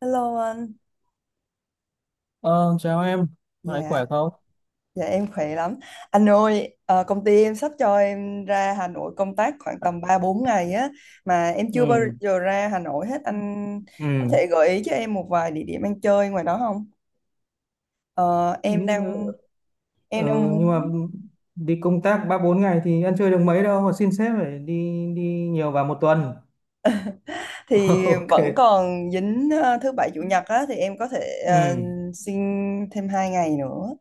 Hello anh, Ờ, Chào em, lại dạ, khỏe không? dạ em khỏe lắm. Anh ơi, công ty em sắp cho em ra Hà Nội công tác khoảng tầm 3 4 ngày á, mà em chưa bao Ừ. giờ ra Hà Nội hết. Anh có Ừ. thể gợi ý cho em một vài địa điểm ăn chơi ngoài đó không? Ờ, em nhưng mà, đang ờ, em đang nhưng mà muốn đi công tác ba bốn ngày thì ăn chơi được mấy đâu mà xin sếp phải đi đi nhiều vào một tuần. thì OK. vẫn còn dính thứ bảy chủ nhật á, thì em có thể ờ, Ừ. xin thêm 2 ngày nữa.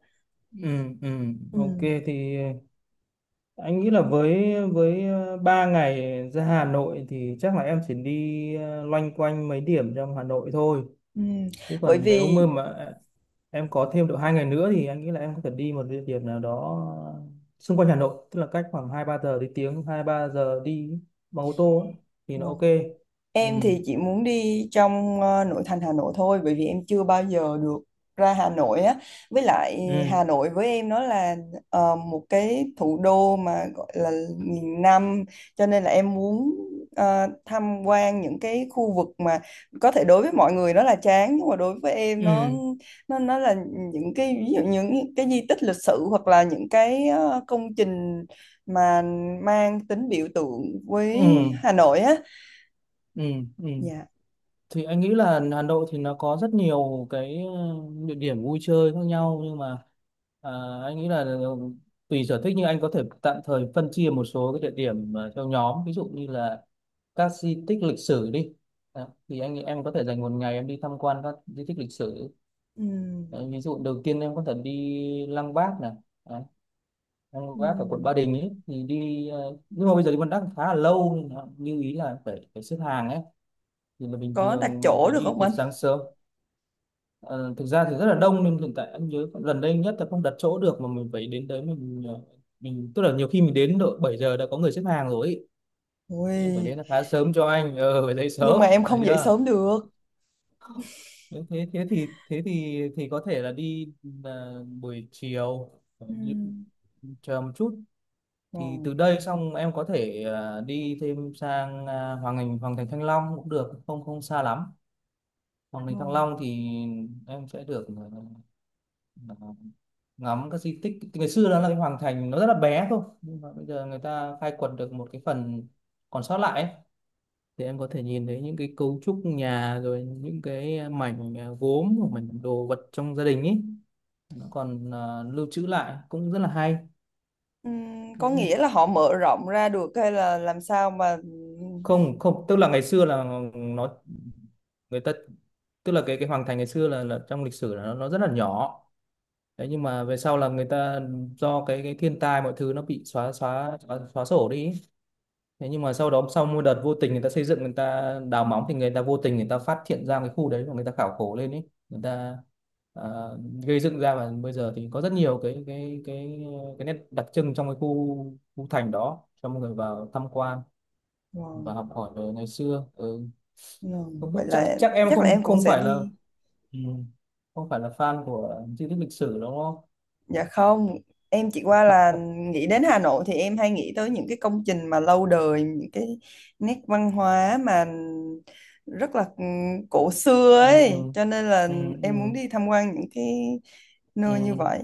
Ừ. Ừ. Ừ. OK, thì anh nghĩ là với 3 ngày ra Hà Nội thì chắc là em chỉ đi loanh quanh mấy điểm trong Hà Nội thôi, Ừ. chứ Bởi còn nếu vì mà em có thêm độ 2 ngày nữa thì anh nghĩ là em có thể đi một địa điểm nào đó xung quanh Hà Nội, tức là cách khoảng hai ba giờ đi tiếng hai ba giờ đi bằng ô tô ấy, thì nó OK. vâng. Ừ. Em thì chỉ muốn đi trong nội thành Hà Nội thôi bởi vì em chưa bao giờ được ra Hà Nội á. Với lại Ừ. Hà Nội với em nó là một cái thủ đô mà gọi là nghìn năm cho nên là em muốn tham quan những cái khu vực mà có thể đối với mọi người nó là chán nhưng mà đối với em nó Ừ. nó nó là những cái ví dụ những cái di tích lịch sử hoặc là những cái công trình mà mang tính biểu tượng với Ừ. Hà Nội á. Ừ. Ừ, Dạ. thì anh nghĩ là Hà Nội thì nó có rất nhiều cái địa điểm vui chơi khác nhau, nhưng mà à, anh nghĩ là tùy sở thích, nhưng anh có thể tạm thời phân chia một số cái địa điểm theo nhóm, ví dụ như là các di tích lịch sử đi. Đó, thì anh nghĩ em có thể dành một ngày em đi tham quan các di tích lịch sử. Ừ. Đấy, ví dụ đầu tiên em có thể đi Lăng Bác này. Đấy, Lăng Ừ. Bác ở quận Ba Đình ấy, thì đi nhưng mà bây giờ đi Lăng Bác khá là lâu nên là như ý là phải phải xếp hàng ấy, thì là bình Có đặt thường mình chỗ phải được đi không từ anh? sáng sớm. Ờ, Thực ra thì rất là đông, nhưng hiện tại anh nhớ gần đây nhất là không đặt chỗ được mà mình phải đến tới mình tức là nhiều khi mình đến độ 7 giờ đã có người xếp hàng rồi ý. Em phải Ui, đến là khá sớm, cho anh phải dậy nhưng mà sớm em phải không dậy chưa? sớm được. Nếu thế thế thì thế thì thì có thể là đi buổi chiều. ờ, Ừ. những- chờ một chút. Thì từ Ngon, đây xong em có thể đi thêm sang Hoàng Thành Thăng Long cũng được, không không xa lắm. Hoàng Thành Thăng ngon. Long thì em sẽ được ờ, Ờ, ngắm các di tích ngày xưa. Đó là cái hoàng thành, nó rất là bé thôi, nhưng mà bây giờ người ta khai quật được một cái phần còn sót lại ấy. Thì em có thể nhìn thấy những cái cấu trúc nhà, rồi những cái mảnh gốm hoặc mảnh đồ vật trong gia đình ấy, nó còn lưu trữ lại, cũng rất là hay. Ừ, có nghĩa Đấy. là họ mở rộng ra được hay là làm sao mà Không không, tức là ngày xưa là nó người ta tức là cái hoàng thành ngày xưa là trong lịch sử là nó rất là nhỏ. Đấy, nhưng mà về sau là người ta do cái thiên tai mọi thứ nó bị xóa sổ đi. Thế nhưng mà sau đó, sau một đợt vô tình người ta xây dựng, người ta đào móng thì người ta vô tình người ta phát hiện ra cái khu đấy, và người ta khảo cổ lên ấy, người ta ờ, gây dựng ra. Và bây giờ thì có rất nhiều cái nét đặc trưng trong cái khu khu thành đó cho mọi người vào tham quan và ngon, học hỏi về ngày xưa. Ừ. ngon. Không biết, Vậy chắc là chắc em chắc là không em cũng không sẽ phải là đi. ừ, không phải là fan của di tích lịch sử đúng không? Dạ không, em chỉ qua là nghĩ đến Hà Nội thì em hay nghĩ tới những cái công trình mà lâu đời, những cái nét văn hóa mà rất là cổ xưa Ừ. ấy, cho nên là Ừ. em Ừ. muốn đi tham quan những cái nơi như Ừ. vậy.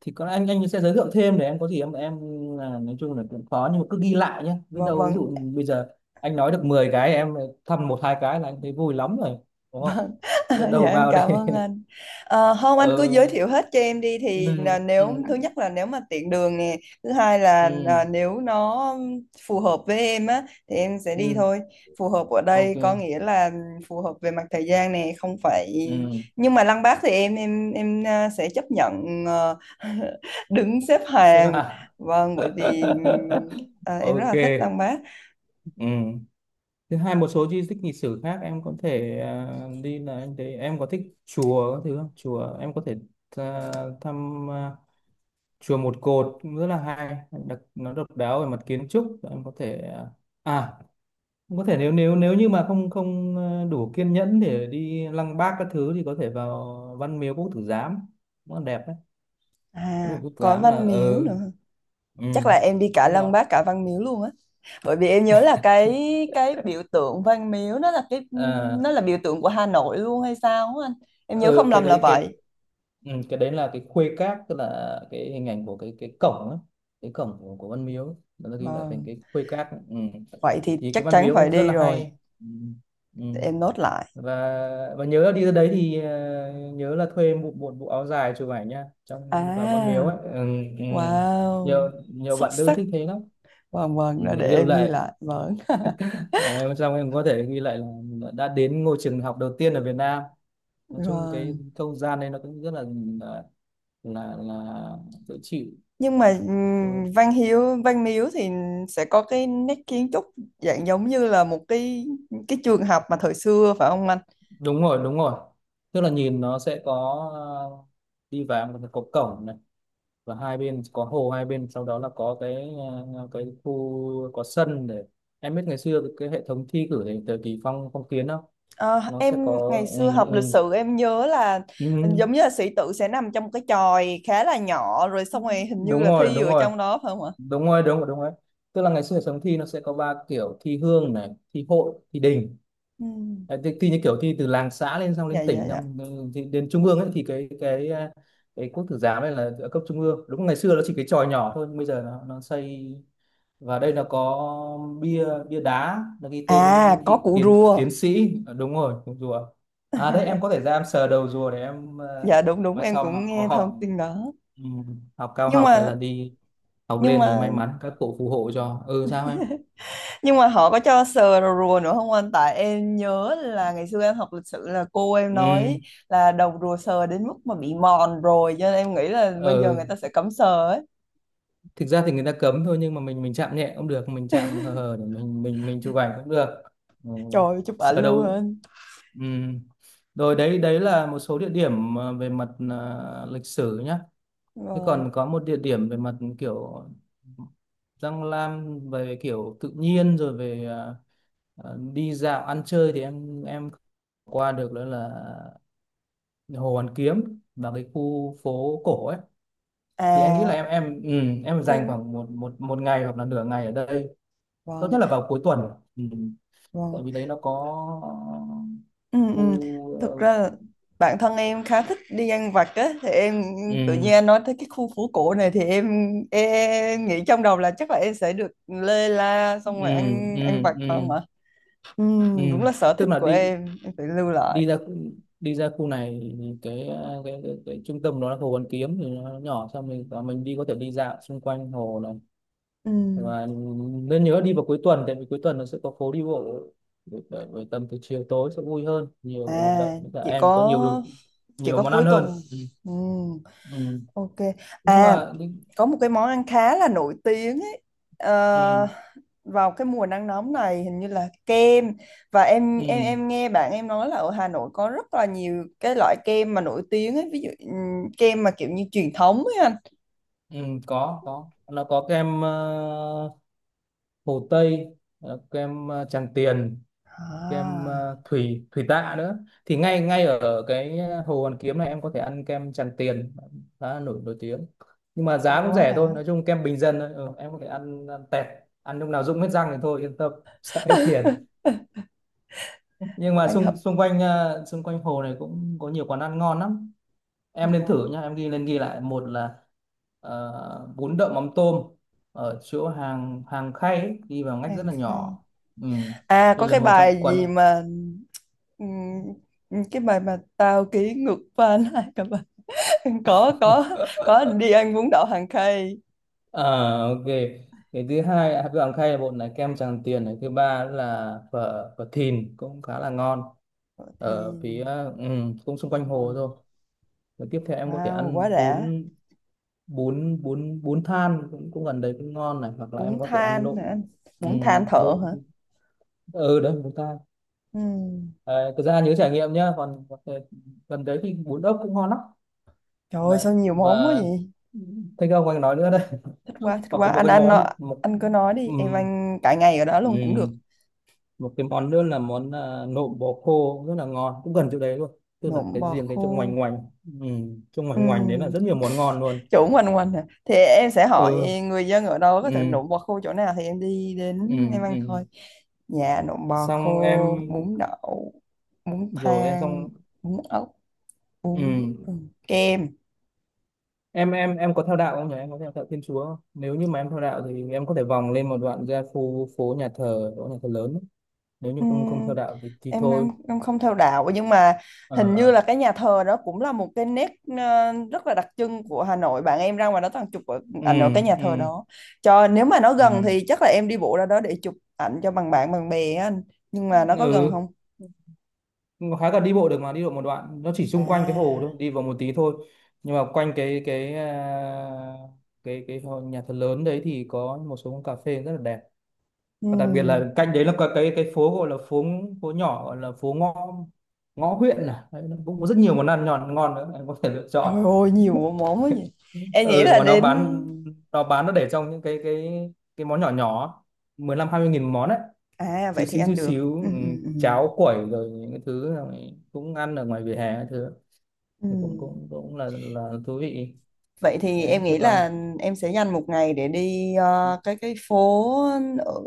Thì có lẽ anh sẽ giới thiệu thêm, để em có gì em là nói chung là cũng khó, nhưng mà cứ ghi lại nhé, biết Vâng, đâu. Ví vâng, dụ bây giờ anh nói được 10 cái, em thăm một hai cái là anh thấy vui lắm rồi, đúng không? Biết dạ đầu em vào cảm đây. ơn anh. Không anh cứ giới ờ thiệu hết cho em đi thì ừ. là Ừ. nếu thứ nhất là nếu mà tiện đường nè, thứ hai là Ừ. là nếu nó phù hợp với em á thì em sẽ đi Ừ. thôi. Phù hợp ở đây OK. có nghĩa là phù hợp về mặt thời gian nè, không phải. Ừ. Nhưng mà Lăng Bác thì em sẽ chấp nhận đứng xếp Xếp hàng, hạng. vâng, bởi vì em rất OK. là thích Lăng Bác. Ừ. Thứ hai, một số di tích lịch sử khác em có thể đi là anh thấy em có thích chùa các thứ không? Chùa em có thể thăm chùa Một Cột, cũng rất là hay đặc, nó độc đáo về mặt kiến trúc. Em có thể à cũng có thể, nếu nếu nếu như mà không không ờ, đủ kiên nhẫn để đi Lăng Bác các thứ thì có thể vào Văn Miếu Quốc Tử Giám, nó đẹp đấy. Văn Miếu À, Quốc Tử có Giám là Văn Miếu nữa, ừ, chắc là em đi cả nó Lăng là. Bác cả Văn Miếu luôn á, bởi vì em nhớ là cái cái biểu tượng Văn Miếu nó là cái, ờ nó là biểu tượng của Hà Nội luôn hay sao á anh, em nhớ không ừ, cái lầm là đấy cái vậy. ừ, cái đấy là cái khuê các, tức là cái hình ảnh của cái cổng ấy, cái cổng của Văn Miếu, nó ghi lại thành Vâng, cái khuê các. Ừ. vậy thì Thì cái chắc Văn chắn Miếu phải cũng rất đi là rồi, hay. Ừ. Ừ. để em nốt lại. và và nhớ là đi ra đấy thì nhớ là thuê một bộ, bộ áo dài chụp ảnh nha, trong vào văn miếu ấy. À, Ừ. Ừ. wow, nhiều nhiều xuất bạn nữ sắc. thích thế lắm. Vâng Ừ, vâng, đó để để lưu em ghi lại. lại. Vâng, Ờ, em trong em có thể ghi lại là mình đã đến ngôi trường học đầu tiên ở Việt Nam. Nói chung cái vâng. không gian này nó cũng rất là là là dễ chịu. Nhưng mà Đúng, Văn Miếu thì sẽ có cái nét kiến trúc dạng giống như là một cái trường học mà thời xưa phải không anh? đúng rồi, đúng rồi, tức là nhìn nó sẽ có ờ, đi vào một cái cổng, và hai bên có hồ hai bên. Sau đó là có cái cái khu có sân để. Em biết ngày xưa cái hệ thống thi cử thì thời kỳ phong phong kiến không? Ờ, Nó em sẽ có. ngày Ừ. xưa học Ừ. lịch sử em nhớ là Ừ. giống như là sĩ tử sẽ nằm trong một cái chòi khá là nhỏ, rồi xong rồi hình như Đúng là rồi, thi đúng ở rồi, trong đó phải không ạ? đúng rồi, đúng rồi, đúng rồi. Tức là ngày xưa hệ thống thi nó sẽ có ba kiểu: thi hương này, thi hội, thi đình. Ừ. Đấy, thi như kiểu thi từ làng xã lên xong Dạ lên dạ tỉnh dạ. xong, ừ, thì đến trung ương ấy. Thì cái cái Quốc Tử Giám này là ở cấp trung ương. Đúng, ngày xưa nó chỉ cái chòi nhỏ thôi, nhưng bây giờ nó xây. Và đây là có bia bia đá, nó ghi tên những À cái có vị củ tiến rùa. tiến sĩ. Ờ, đúng rồi, cùng rùa. À, đấy em có thể ra em sờ đầu rùa để em Dạ đúng đúng, mai em sau mà cũng có nghe học, thông tin đó. ừ, học cao Nhưng học hay là mà, đi học nhưng lên thì may mà mắn, các cụ phù hộ cho. Ừ sao em. nhưng mà họ có cho sờ đầu rùa nữa không anh? Tại em nhớ là ngày xưa em học lịch sử là cô em Ừ. nói là đầu rùa sờ đến mức mà bị mòn rồi, cho nên em nghĩ là bây giờ Ờ, người ta sẽ cấm sờ ấy. thực ra thì người ta cấm thôi, nhưng mà mình chạm nhẹ cũng được, mình chạm hờ hờ để mình chụp ảnh cũng được. Ừ. Trời ơi, chụp ảnh Sờ luôn đầu. anh. Ừ. Rồi, đấy đấy là một số địa điểm về mặt lịch sử nhá. Thế Vâng. còn có một địa điểm về mặt kiểu răng lam, về kiểu tự nhiên rồi về đi dạo ăn chơi thì em qua được, đó là Hồ Hoàn Kiếm và cái khu phố cổ ấy. Thì anh nghĩ là À, em em dành khu, khoảng một một một ngày hoặc là nửa ngày ở đây, tốt vâng nhất là vào cuối tuần. Ừ. Tại vâng, vì đấy nó có ừ, ừ, khu. thực ra là bản thân em khá thích đi ăn vặt á, thì em tự Ừ. nhiên anh nói tới cái khu phố cổ này thì em nghĩ trong đầu là chắc là em sẽ được lê la Ừ. xong rồi ăn, Ừ. ăn vặt Ừ. phải không Ừ. ạ? Ừ, Ừ. đúng là sở tức thích là của đi em phải lưu lại. đi ra khu- đi ra khu này thì cái cái trung tâm nó là hồ Hoàn Kiếm, thì nó nhỏ xong mình và mình đi, có thể đi dạo xung quanh hồ này. Ừ. Và nên nhớ đi vào cuối tuần, tại vì cuối tuần nó sẽ có phố đi bộ. Bởi tầm từ chiều tối sẽ vui hơn, nhiều hoạt động, À, với cả chỉ em có nhiều đồ, có, chỉ nhiều có món cuối ăn tuần. hơn. Ừ. Ừ. Ừ. Ok. nhưng À, mà nhưng- có một cái món ăn khá là nổi tiếng ấy. Ờ, ừ. vào cái mùa nắng nóng này hình như là kem, và em Ừ. em em nghe bạn em nói là ở Hà Nội có rất là nhiều cái loại kem mà nổi tiếng ấy, ví dụ kem mà kiểu như truyền thống ấy anh. Ừ. Có, nó có kem hồ Tây, kem Tràng Tiền, kem À, ờ, thủy thủy tạ nữa. Thì ngay ngay ở cái Hồ Hoàn Kiếm này em có thể ăn kem Tràng Tiền, khá là nổi nổi tiếng, nhưng mà trời giá cũng quá rẻ đã. thôi, nói chung kem bình dân thôi. Ừ, em có thể ăn, ăn tẹt, ăn lúc nào rụng hết răng thì thôi, yên tâm. Sợ hết tiền. Nhưng mà Anh xung hợp xung quanh xung quanh hồ này cũng có nhiều quán ăn ngon lắm, em nên thử nhá. Em ghi lên ghi lại, một là bún đậu mắm tôm ở chỗ hàng hàng Khay ấy, đi vào ngách hàng rất là khay. nhỏ. Ừ. À Đây có là cái một trong bài quần. gì mà ừm, cái bài mà tao ký ngược pha lại cả bài. có có có đi ăn bún đậu hàng khay. À, OK. Cái thứ hai, hạt gạo Khay là bột này, kem Tràng Tiền này. Thứ ba là phở phở Thìn cũng khá là ngon, Thọ Thiên, ở phía ừ, cũng xung quanh hồ wow. thôi. Rồi tiếp theo em có thể Wow quá ăn đã. bún bún bún bún than cũng cũng gần đấy cũng ngon này, hoặc là Bún em có thể ăn than nộm. hả anh? Ừ, Bún than thợ nộm. hả? Ừ, đấy bún than. Ừ, À, thực ra nhớ trải nghiệm nhá, còn có thể gần đấy thì bún ốc cũng ngon lắm trời ơi đấy. sao nhiều món quá Và vậy. thấy không, anh nói nữa đấy. Thích quá, thích Hoặc quá có một anh cái anh nó, món. Một. anh cứ nói đi Ừ. em ăn cả ngày ở đó Ừ. luôn cũng được. Một cái món nữa là món nộm bò khô, rất là ngon, cũng gần chỗ đấy luôn. Tức là Nộm cái bò riêng cái khô. chỗ ngoành ngoành ừ, chỗ ngoành ngoành đấy là Ừ, rất nhiều món ngon luôn. chỗ quanh quanh hả, thì em sẽ hỏi Ừ. người dân ở đâu có Ừ. thể nộm bò khô chỗ nào thì em đi Ừ. đến em ăn Ừ. thôi. Dạ nộm bò Xong em. khô, bún đậu, bún Rồi em thang, xong. bún ốc, Ừ. bún, kem. Em em có theo đạo không nhỉ? Em có theo đạo Thiên Chúa không? Nếu như mà em theo đạo thì em có thể vòng lên một đoạn ra khu phố nhà thờ, chỗ nhà thờ lớn ấy. Nếu như không không theo Ừm, đạo thì em em thôi. em không theo đạo, nhưng mà hình như Ờ. là cái nhà thờ đó cũng là một cái nét rất là đặc trưng của Hà Nội, bạn em ra ngoài đó toàn chụp ở- Ừ. ảnh ở cái nhà Ừ. thờ đó, cho nếu mà nó Ừ. gần thì chắc là em đi bộ ra đó để chụp ảnh cho bằng bạn bằng bè á anh, nhưng mà nó có gần Ừ. không? Khá là đi bộ được mà, đi bộ một đoạn, nó chỉ xung quanh cái hồ thôi, À, đi vào một tí thôi. Nhưng mà quanh cái à, cái cái hồ- nhà thờ lớn đấy thì có một số quán cà phê rất là đẹp. Và đặc biệt ừm, là cạnh đấy là có cái phố gọi là phố phố nhỏ, gọi là phố ngõ ngõ Huyện. À đấy, nó cũng có rất nhiều món ăn ngon ngon nữa em có thể lựa trời chọn. ơi nhiều món quá vậy, em nghĩ Ừ, là mà nó đến. bán, nó bán, nó để trong những cái món nhỏ nhỏ, 15 20 nghìn một món đấy, À xíu vậy thì xíu xíu anh được. xíu ừ, Ừm, ừm, ừm. cháo quẩy rồi những cái thứ là mình cũng ăn ở ngoài vỉa hè cái thứ, thì cũng Ừm. cũng cũng là thú vị. Vậy thì Đấy em thế nghĩ còn là em sẽ dành một ngày để đi cái phố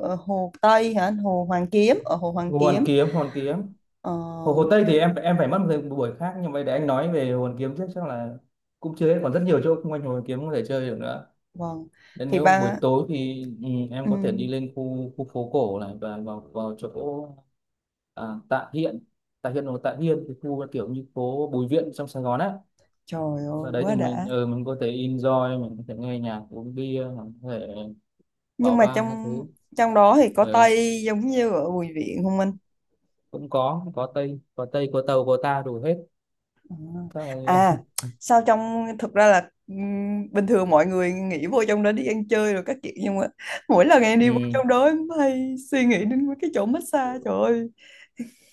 ở Hồ Tây hả? Hồ Hoàn Kiếm, ở Hồ Hoàn Hồ Hoàn Kiếm. Kiếm, Hồ Hoàn Kiếm. Ờ, Hồ Hồ Tây thì em phải mất một buổi khác, nhưng mà để anh nói về Hồ Hoàn Kiếm trước, chắc là cũng chưa hết, còn rất nhiều chỗ xung quanh Hồ Hoàn Kiếm có thể chơi được nữa. vâng. Nên Thì nếu buổi ba, tối thì ừ, em có thể đi ừm, lên khu khu phố cổ này, và vào vào chỗ Tạ Hiện. Tạ Hiện hoặc Tạ Hiên, cái khu kiểu như phố Bùi Viện trong Sài Gòn á. trời Ở ơi đấy thì quá mình đã. ừ, mình có thể enjoy, mình có thể nghe nhạc, uống bia, mình có thể vào Nhưng mà bar các trong, thứ. trong đó thì có Ừ, Tây giống như ở Bùi Viện không anh? cũng có tây, có tàu có ta đủ hết, À, các này. à, sao trong, thực ra là bình thường mọi người nghĩ vô trong đó đi ăn chơi rồi các kiểu, nhưng mà mỗi lần em đi vô Ừ. trong đó em hay suy nghĩ đến mấy cái chỗ massage trời ơi.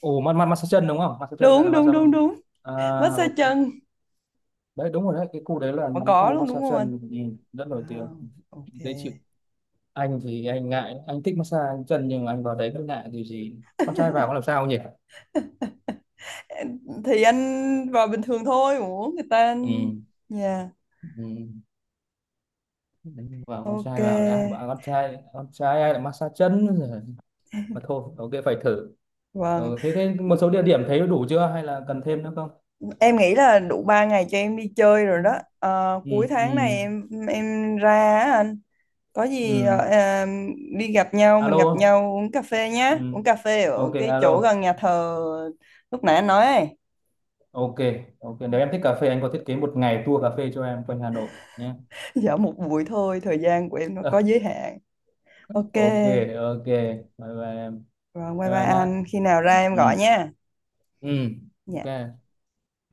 Ồ, mát mát massage chân đúng không? Massage chân hay Đúng là đúng massage? đúng đúng. À, Massage OK. chân Đấy đúng rồi, đấy cái khu đấy là vẫn cái có khu luôn đúng massage không anh? chân, ừ, rất nổi tiếng, Wow, ok. dễ chịu. Anh thì anh ngại, anh thích massage chân nhưng mà anh vào đấy rất ngại điều gì, con trai vào có làm sao nhỉ? Thì anh vào bình thường thôi mà muốn người ta, Ừ. dạ, Ừ. Đánh vào, con ok, trai vào thì ai bảo con trai, con trai ai lại massage chân. Rồi mà thôi, OK phải thử. vâng Ừ, thế thế một số địa điểm thấy đủ chưa hay là cần thêm nữa không? em nghĩ là đủ 3 ngày cho em đi chơi rồi đó. Ờ, Ừ. cuối Ừ. tháng này em ra á anh, có gì Ừ. Đi gặp nhau, mình Alo. gặp nhau uống cà phê Ừ. nhá, uống cà phê ở OK, cái alo. chỗ gần nhà thờ lúc nãy anh nói ấy. OK. OK, nếu em thích cà phê anh có thiết kế một ngày tour cà phê cho em quanh Hà Nội nhé. Dạ một buổi thôi, thời gian của em nó có giới hạn. Ok. OK. OK. Bye bye em. Rồi, bye Bye bye bye nhá. anh. Khi nào Ừ. ra em Ừ. gọi nha. Ừ. Dạ. OK.